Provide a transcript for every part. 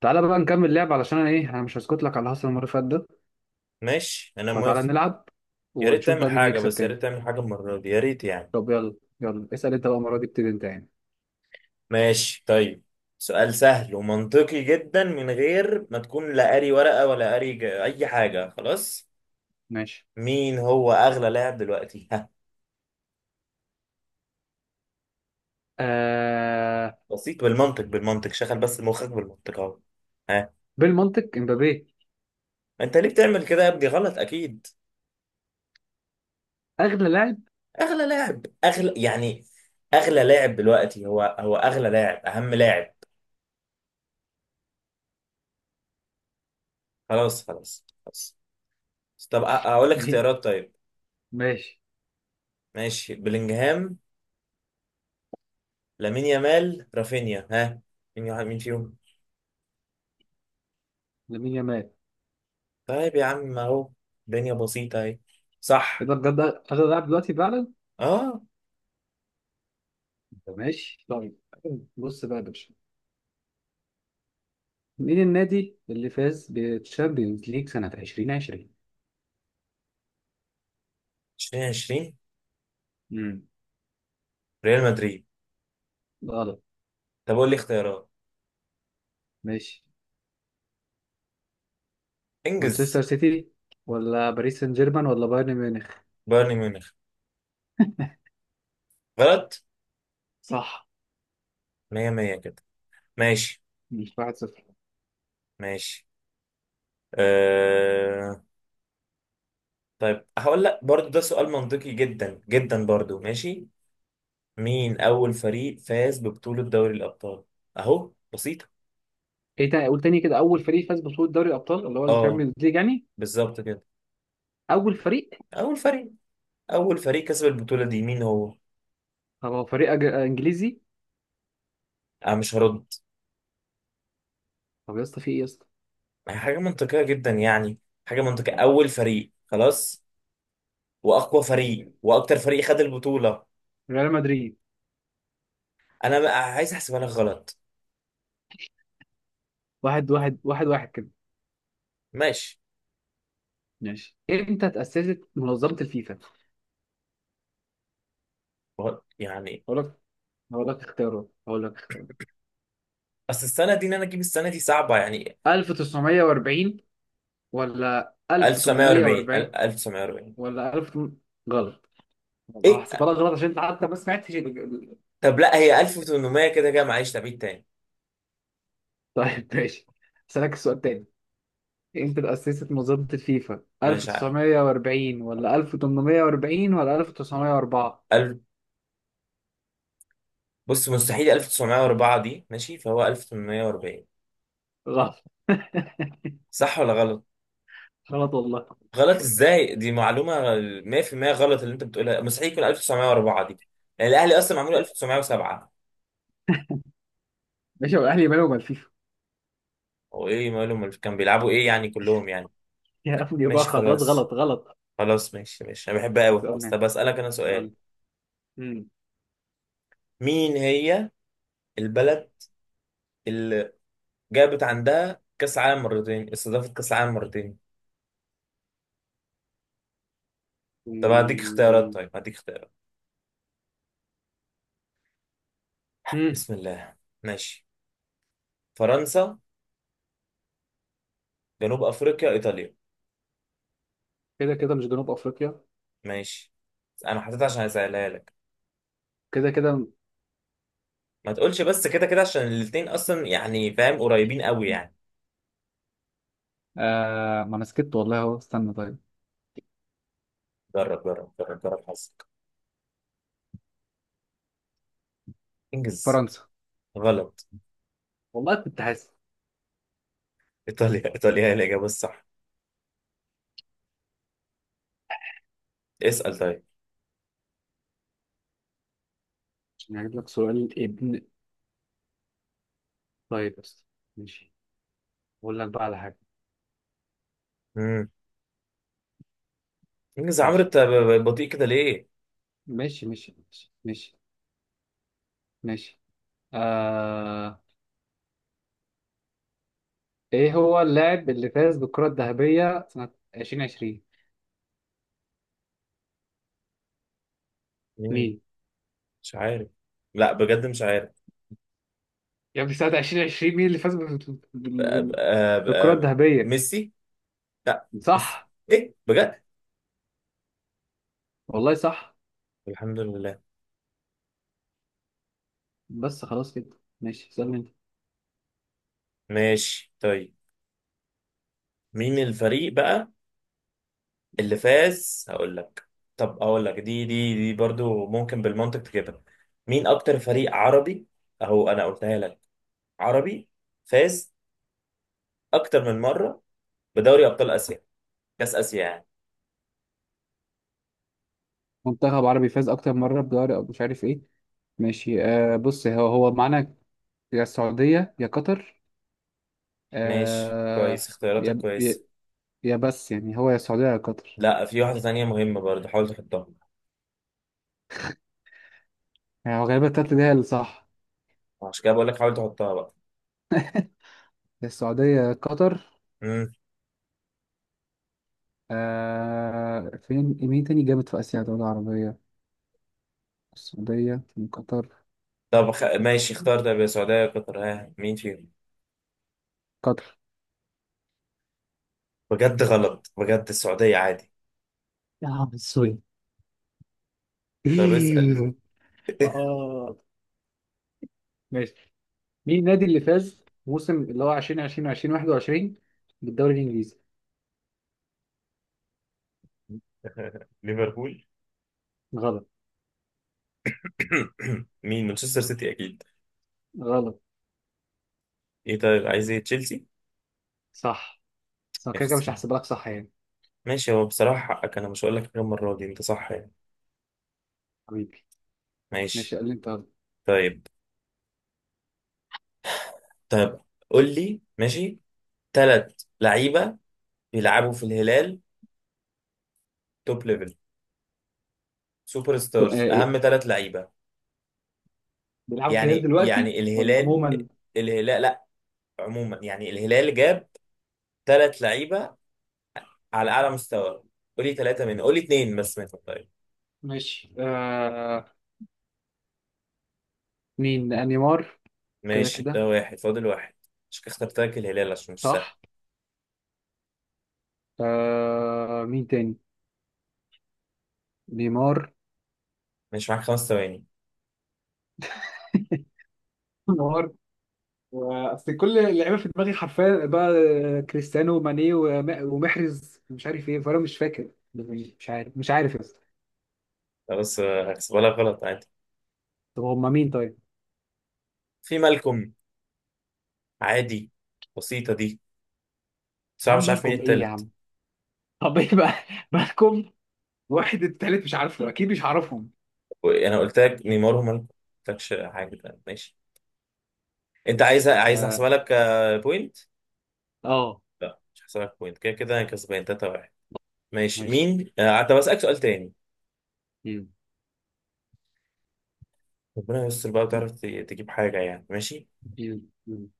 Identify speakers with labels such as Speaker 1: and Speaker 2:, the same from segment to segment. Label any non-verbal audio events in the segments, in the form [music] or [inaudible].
Speaker 1: تعالى بقى نكمل لعب، علشان انا ايه، انا مش هسكت لك على اللي حصل المره اللي فاتت ده.
Speaker 2: ماشي، انا
Speaker 1: فتعالى
Speaker 2: موافق.
Speaker 1: نلعب
Speaker 2: يا ريت
Speaker 1: ونشوف
Speaker 2: تعمل
Speaker 1: بقى مين
Speaker 2: حاجة،
Speaker 1: هيكسب
Speaker 2: بس يا
Speaker 1: تاني.
Speaker 2: ريت تعمل حاجة المرة دي، يا ريت يعني.
Speaker 1: طب يلا يلا، اسال انت بقى المره دي، ابتدي انت يعني.
Speaker 2: ماشي طيب. سؤال سهل ومنطقي جدا، من غير ما تكون لا قاري ورقة ولا قاري اي حاجة خلاص.
Speaker 1: ماشي،
Speaker 2: مين هو اغلى لاعب دلوقتي؟ ها.
Speaker 1: آه،
Speaker 2: بسيط، بالمنطق بالمنطق، شغل بس مخك بالمنطق اهو. ها.
Speaker 1: بالمنطق امبابي.
Speaker 2: انت ليه بتعمل كده يا ابني؟ غلط اكيد.
Speaker 1: اغلى لاعب. [laughs]
Speaker 2: اغلى لاعب، اغلى يعني. اغلى لاعب دلوقتي هو اغلى لاعب، اهم لاعب. خلاص خلاص خلاص. طب اقول لك
Speaker 1: مي-
Speaker 2: اختيارات طيب.
Speaker 1: ماشي،
Speaker 2: ماشي، بلينجهام، لامين يامال، رافينيا. ها، مين واحد، مين فيهم؟
Speaker 1: لامين يامال.
Speaker 2: طيب يا عم اهو. الدنيا بسيطة اهي.
Speaker 1: ايه
Speaker 2: صح.
Speaker 1: ده بجد، اغلى لاعب دلوقتي فعلا.
Speaker 2: اه،
Speaker 1: طب ماشي طيب. بص بقى يا باشا، مين النادي اللي فاز بالتشامبيونز ليج سنه 2020؟
Speaker 2: 2020
Speaker 1: امم
Speaker 2: ريال مدريد.
Speaker 1: غلط.
Speaker 2: طب قول لي اختيارات.
Speaker 1: ماشي،
Speaker 2: انجز.
Speaker 1: مانشستر سيتي ولا باريس سان جيرمان ولا بايرن ميونخ؟
Speaker 2: بايرن ميونخ. غلط.
Speaker 1: صح.
Speaker 2: 100 100 كده. ماشي
Speaker 1: مش 1-0.
Speaker 2: ماشي. آه... طيب هقول لك برضو، ده سؤال منطقي جدا جدا برضو. ماشي، مين اول فريق فاز ببطولة دوري الابطال؟ اهو بسيطة.
Speaker 1: ايه تاني؟ قول تاني كده، اول فريق فاز ببطولة دوري الابطال اللي هو
Speaker 2: اه،
Speaker 1: الشامبيونز ليج يعني.
Speaker 2: بالظبط كده.
Speaker 1: اول فريق.
Speaker 2: اول فريق، اول فريق كسب البطولة دي مين هو؟
Speaker 1: طب هو فريق انجليزي.
Speaker 2: انا مش هرد.
Speaker 1: طب يا اسطى، في ايه يا اسطى؟
Speaker 2: حاجة منطقية جدا يعني. حاجة منطقية، أول فريق خلاص. وأقوى فريق، وأكتر فريق خد البطولة.
Speaker 1: ريال مدريد.
Speaker 2: أنا بقى عايز أحسبها لك غلط.
Speaker 1: واحد واحد واحد واحد كده.
Speaker 2: ماشي.
Speaker 1: ماشي، امتى اتأسست منظمة الفيفا؟
Speaker 2: غلط يعني.
Speaker 1: هقول لك هقول لك اختيارات، هقول لك اختيار.
Speaker 2: أصل السنة دي، إن أنا أجيب السنة دي صعبة يعني.
Speaker 1: 1940 ولا
Speaker 2: 1940،
Speaker 1: 1840
Speaker 2: 1940.
Speaker 1: ولا 1000؟ غلط. والله
Speaker 2: إيه؟
Speaker 1: هحسبها لك غلط عشان انت حتى ما سمعتش
Speaker 2: طب لا، هي 1800 كده كده، معلش تبعيد تاني.
Speaker 1: طيب ماشي، اسالك السؤال تاني. امتى اتأسست منظمة الفيفا؟
Speaker 2: مش عارف.
Speaker 1: 1940 ولا 1840 ولا 1904؟
Speaker 2: ال- بص، مستحيل 1904 دي ماشي، فهو 1840.
Speaker 1: غلط. [laughs]
Speaker 2: صح ولا غلط؟
Speaker 1: غلط والله.
Speaker 2: غلط ازاي؟ دي معلومه. 100% غلط اللي انت بتقولها، مستحيل يكون 1904 دي. يعني الاهلي اصلا معمول 1907.
Speaker 1: ماشي، هو الاهلي مالهم الفيفا؟
Speaker 2: هو ايه مالهم؟ كان بيلعبوا ايه يعني
Speaker 1: [laughs]
Speaker 2: كلهم يعني؟
Speaker 1: يا ابني بقى
Speaker 2: ماشي
Speaker 1: خلاص،
Speaker 2: خلاص.
Speaker 1: غلط غلط.
Speaker 2: خلاص ماشي ماشي، انا بحبها قوي بس.
Speaker 1: سؤال،
Speaker 2: طب اسالك انا
Speaker 1: سؤال.
Speaker 2: سؤال.
Speaker 1: مم.
Speaker 2: مين هي البلد اللي جابت عندها كاس عالم مرتين، استضافت كاس عالم مرتين؟ طب هديك اختيارات،
Speaker 1: مم.
Speaker 2: طيب هديك اختيارات.
Speaker 1: مم.
Speaker 2: بسم الله. ماشي. فرنسا، جنوب افريقيا، ايطاليا.
Speaker 1: كده كده، مش جنوب افريقيا.
Speaker 2: ماشي. انا حطيتها عشان اسالها لك.
Speaker 1: كده كده.
Speaker 2: ما تقولش بس كده كده، عشان الاتنين اصلا يعني فاهم، قريبين قوي يعني.
Speaker 1: آه، ما انا سكت والله اهو، استنى. طيب،
Speaker 2: جرب جرب جرب جرب حظك. انجز.
Speaker 1: فرنسا.
Speaker 2: غلط.
Speaker 1: والله كنت حاسس.
Speaker 2: ايطاليا، ايطاليا هي الاجابه الصح. اسال طيب.
Speaker 1: عشان هجيب لك سؤال ابن. طيب بس. ماشي، اقول لك بقى على حاجه.
Speaker 2: امم انجز يا عمرو،
Speaker 1: ماشي
Speaker 2: انت بطيء كده ليه؟
Speaker 1: ماشي ماشي ماشي ماشي. ماشي. آه... ايه هو اللاعب اللي فاز بالكرة الذهبية سنة 2020؟
Speaker 2: مين؟
Speaker 1: مين؟
Speaker 2: مش عارف. لا، بجد مش عارف.
Speaker 1: يا ابني سنة 2020، مين اللي فاز
Speaker 2: أ- أ-
Speaker 1: بالكرة
Speaker 2: أ-
Speaker 1: الذهبية؟
Speaker 2: ميسي؟ لا ميسي.
Speaker 1: صح
Speaker 2: ايه بجد؟
Speaker 1: والله. صح.
Speaker 2: الحمد لله.
Speaker 1: بس خلاص كده. ماشي، اسألني انت.
Speaker 2: ماشي طيب. مين الفريق بقى اللي فاز؟ هقول لك. طب هقول لك، دي برضو ممكن بالمنطق تجيبها. مين اكتر فريق عربي؟ اهو انا قلتها لك. عربي، فاز اكتر من مرة بدوري ابطال اسيا، كاس اسيا يعني.
Speaker 1: منتخب عربي فاز أكتر مرة بدوري، أو مش عارف ايه. ماشي، آه، بص، هو هو معانا. يا السعودية يا قطر.
Speaker 2: ماشي كويس،
Speaker 1: آه.
Speaker 2: اختياراتك
Speaker 1: يا يا
Speaker 2: كويسة.
Speaker 1: يا بس يعني، هو يا السعودية يا قطر.
Speaker 2: لا، في واحدة تانية مهمة برضو، حاول تحطها.
Speaker 1: يعني هو غالبا التالتة دي هي اللي صح.
Speaker 2: عشان كده بقول لك حاول تحطها بقى.
Speaker 1: يا السعودية يا قطر.
Speaker 2: امم
Speaker 1: آه، فين مين تاني جامد في آسيا دولة عربية؟ السعودية من قطر.
Speaker 2: طب ماشي، اختار. طب يا سعودية يا قطر؟ ها، مين فيهم؟
Speaker 1: قطر.
Speaker 2: بجد؟ غلط، بجد السعودية عادي.
Speaker 1: يا عم سوري.
Speaker 2: طب اسأل.
Speaker 1: [laughs]
Speaker 2: [laughs]
Speaker 1: اه، ماشي، مين النادي اللي فاز موسم اللي هو 2020 2021 بالدوري الإنجليزي؟
Speaker 2: ليفربول.
Speaker 1: غلط.
Speaker 2: [coughs] مين؟ مانشستر سيتي اكيد.
Speaker 1: غلط.
Speaker 2: ايه؟ طيب عايز ايه؟ تشيلسي.
Speaker 1: صح. بس أنا
Speaker 2: يا
Speaker 1: كده كده مش
Speaker 2: خسارة.
Speaker 1: هحسب لك صح يعني.
Speaker 2: ماشي، هو بصراحة حقك، انا مش هقول لك حاجة، المرة دي انت صح يعني.
Speaker 1: حبيبي.
Speaker 2: ماشي.
Speaker 1: ماشي، قال لي أنت غلط.
Speaker 2: طيب طيب، قول لي. ماشي، ثلاث لعيبة بيلعبوا في الهلال، توب ليفل، سوبر ستارز،
Speaker 1: إيه؟
Speaker 2: اهم ثلاث لعيبة.
Speaker 1: بيلعبوا في الهلال
Speaker 2: يعني
Speaker 1: دلوقتي
Speaker 2: يعني
Speaker 1: ولا
Speaker 2: الهلال،
Speaker 1: عموما؟
Speaker 2: الهلال لا، عموما يعني الهلال جاب ثلاث لعيبة على اعلى مستوى. قول لي ثلاثة منهم، قول لي اثنين بس منهم طيب.
Speaker 1: ماشي، آه، مين؟ آه، نيمار. كده
Speaker 2: ماشي، ده
Speaker 1: كده.
Speaker 2: واحد، فاضل واحد. مش اخترت لك الهلال عشان مش سهل.
Speaker 1: صح. آه، مين تاني؟ نيمار.
Speaker 2: ماشي، معاك خمس ثواني.
Speaker 1: [laughs] نهار. اصل كل اللعيبه في دماغي حرفيا بقى. كريستيانو وماني ومحرز، مش عارف ايه، فانا مش فاكر، مش عارف، مش عارف يا اسطى.
Speaker 2: لا، بس هحسبها لك غلط.
Speaker 1: طب هم مين طيب؟
Speaker 2: في مالكوم، عادي، بسيطة دي.
Speaker 1: يا
Speaker 2: بصراحة
Speaker 1: عم
Speaker 2: مش عارف مين
Speaker 1: مالكم ايه يا
Speaker 2: التالت.
Speaker 1: عم؟ طب ايه بقى؟ [laughs] مالكم. واحد التالت مش عارفه، اكيد مش عارفهم.
Speaker 2: انا قلت لك نيمار ومالكوم، ما قلتلكش حاجة تانية. ماشي. انت عايز
Speaker 1: ماشي.
Speaker 2: عايز
Speaker 1: اه،
Speaker 2: احسبها لك بوينت.
Speaker 1: آه،
Speaker 2: لا، مش هحسبها لك بوينت، كده كده انا كسبان 3-1. ماشي،
Speaker 1: ماشي.
Speaker 2: مين طب اسألك سؤال تاني.
Speaker 1: مم.
Speaker 2: ربنا يستر بقى، وتعرف تجيب حاجة يعني. ماشي،
Speaker 1: مم. مم.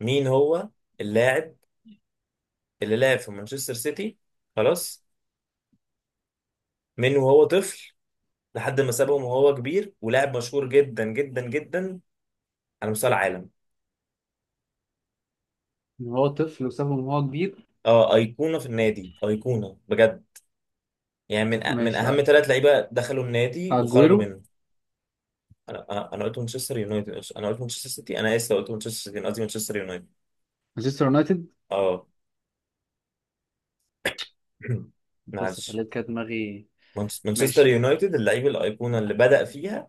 Speaker 2: مين هو اللاعب اللي لعب في مانشستر سيتي، خلاص، من وهو طفل لحد ما سابهم وهو كبير، ولاعب مشهور جدا جدا جدا على مستوى العالم؟
Speaker 1: ان هو طفل وسابهم وهو كبير.
Speaker 2: اه، ايقونه في النادي، ايقونه بجد. يعني من من
Speaker 1: ماشي،
Speaker 2: اهم
Speaker 1: آه.
Speaker 2: ثلاث لعيبه دخلوا النادي وخرجوا
Speaker 1: اجويرو.
Speaker 2: منه. انا انا أنا قلت مانشستر يونايتد، انا قلت مانشستر سيتي، انا اسف، لو قلت مانشستر سيتي أنا قصدي مانشستر يونايتد.
Speaker 1: مانشستر يونايتد.
Speaker 2: اه. [clears throat]
Speaker 1: بص،
Speaker 2: معلش.
Speaker 1: خليت كده دماغي.
Speaker 2: مانشستر
Speaker 1: ماشي،
Speaker 2: يونايتد، اللعيب الايقونه اللي بدأ فيها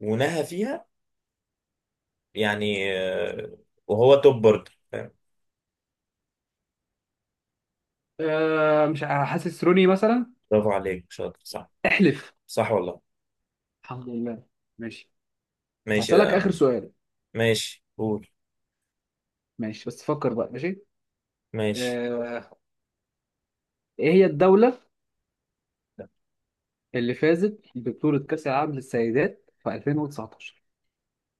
Speaker 2: ونهى فيها. يعني وهو توب برضه، فاهم؟
Speaker 1: آه، مش عارف، حاسس روني مثلا.
Speaker 2: برافو عليك، شاطر، صح.
Speaker 1: احلف.
Speaker 2: صح والله.
Speaker 1: الحمد لله. ماشي،
Speaker 2: ماشي
Speaker 1: هسألك آخر سؤال.
Speaker 2: ماشي، قول.
Speaker 1: ماشي بس، فكر بقى. ماشي.
Speaker 2: ماشي.
Speaker 1: آه... إيه هي الدولة اللي فازت ببطولة كأس العالم للسيدات في 2019؟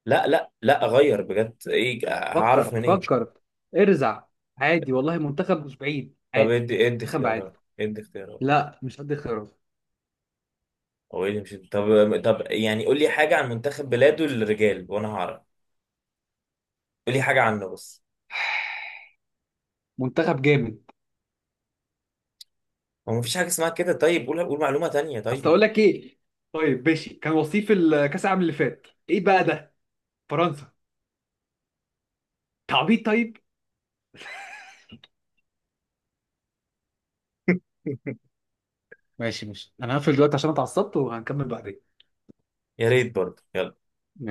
Speaker 2: لا لا لا، غير، بجد ايه
Speaker 1: فكر
Speaker 2: هعرف منين؟
Speaker 1: فكر. ارزع. عادي والله، منتخب مش بعيد
Speaker 2: طب
Speaker 1: عادي.
Speaker 2: ادي ادي
Speaker 1: منتخب عادي.
Speaker 2: اختيارات، ادي اختيارات.
Speaker 1: لا مش قد خيارات.
Speaker 2: هو ايه اللي مش؟ طب، يعني قول لي حاجة عن منتخب بلاده للرجال وانا هعرف. قول لي حاجة عنه بس.
Speaker 1: منتخب جامد.
Speaker 2: هو مفيش حاجة اسمها كده. طيب، قول معلومة تانية
Speaker 1: اصل
Speaker 2: طيب.
Speaker 1: اقول لك ايه. طيب ماشي، كان وصيف الكاس العالم اللي فات ايه بقى ده؟ فرنسا. تعبيط طيب.
Speaker 2: [laughs]
Speaker 1: ماشي ماشي، انا هقفل دلوقتي عشان اتعصبت وهنكمل بعدين.
Speaker 2: يا ريت برضه، يلا.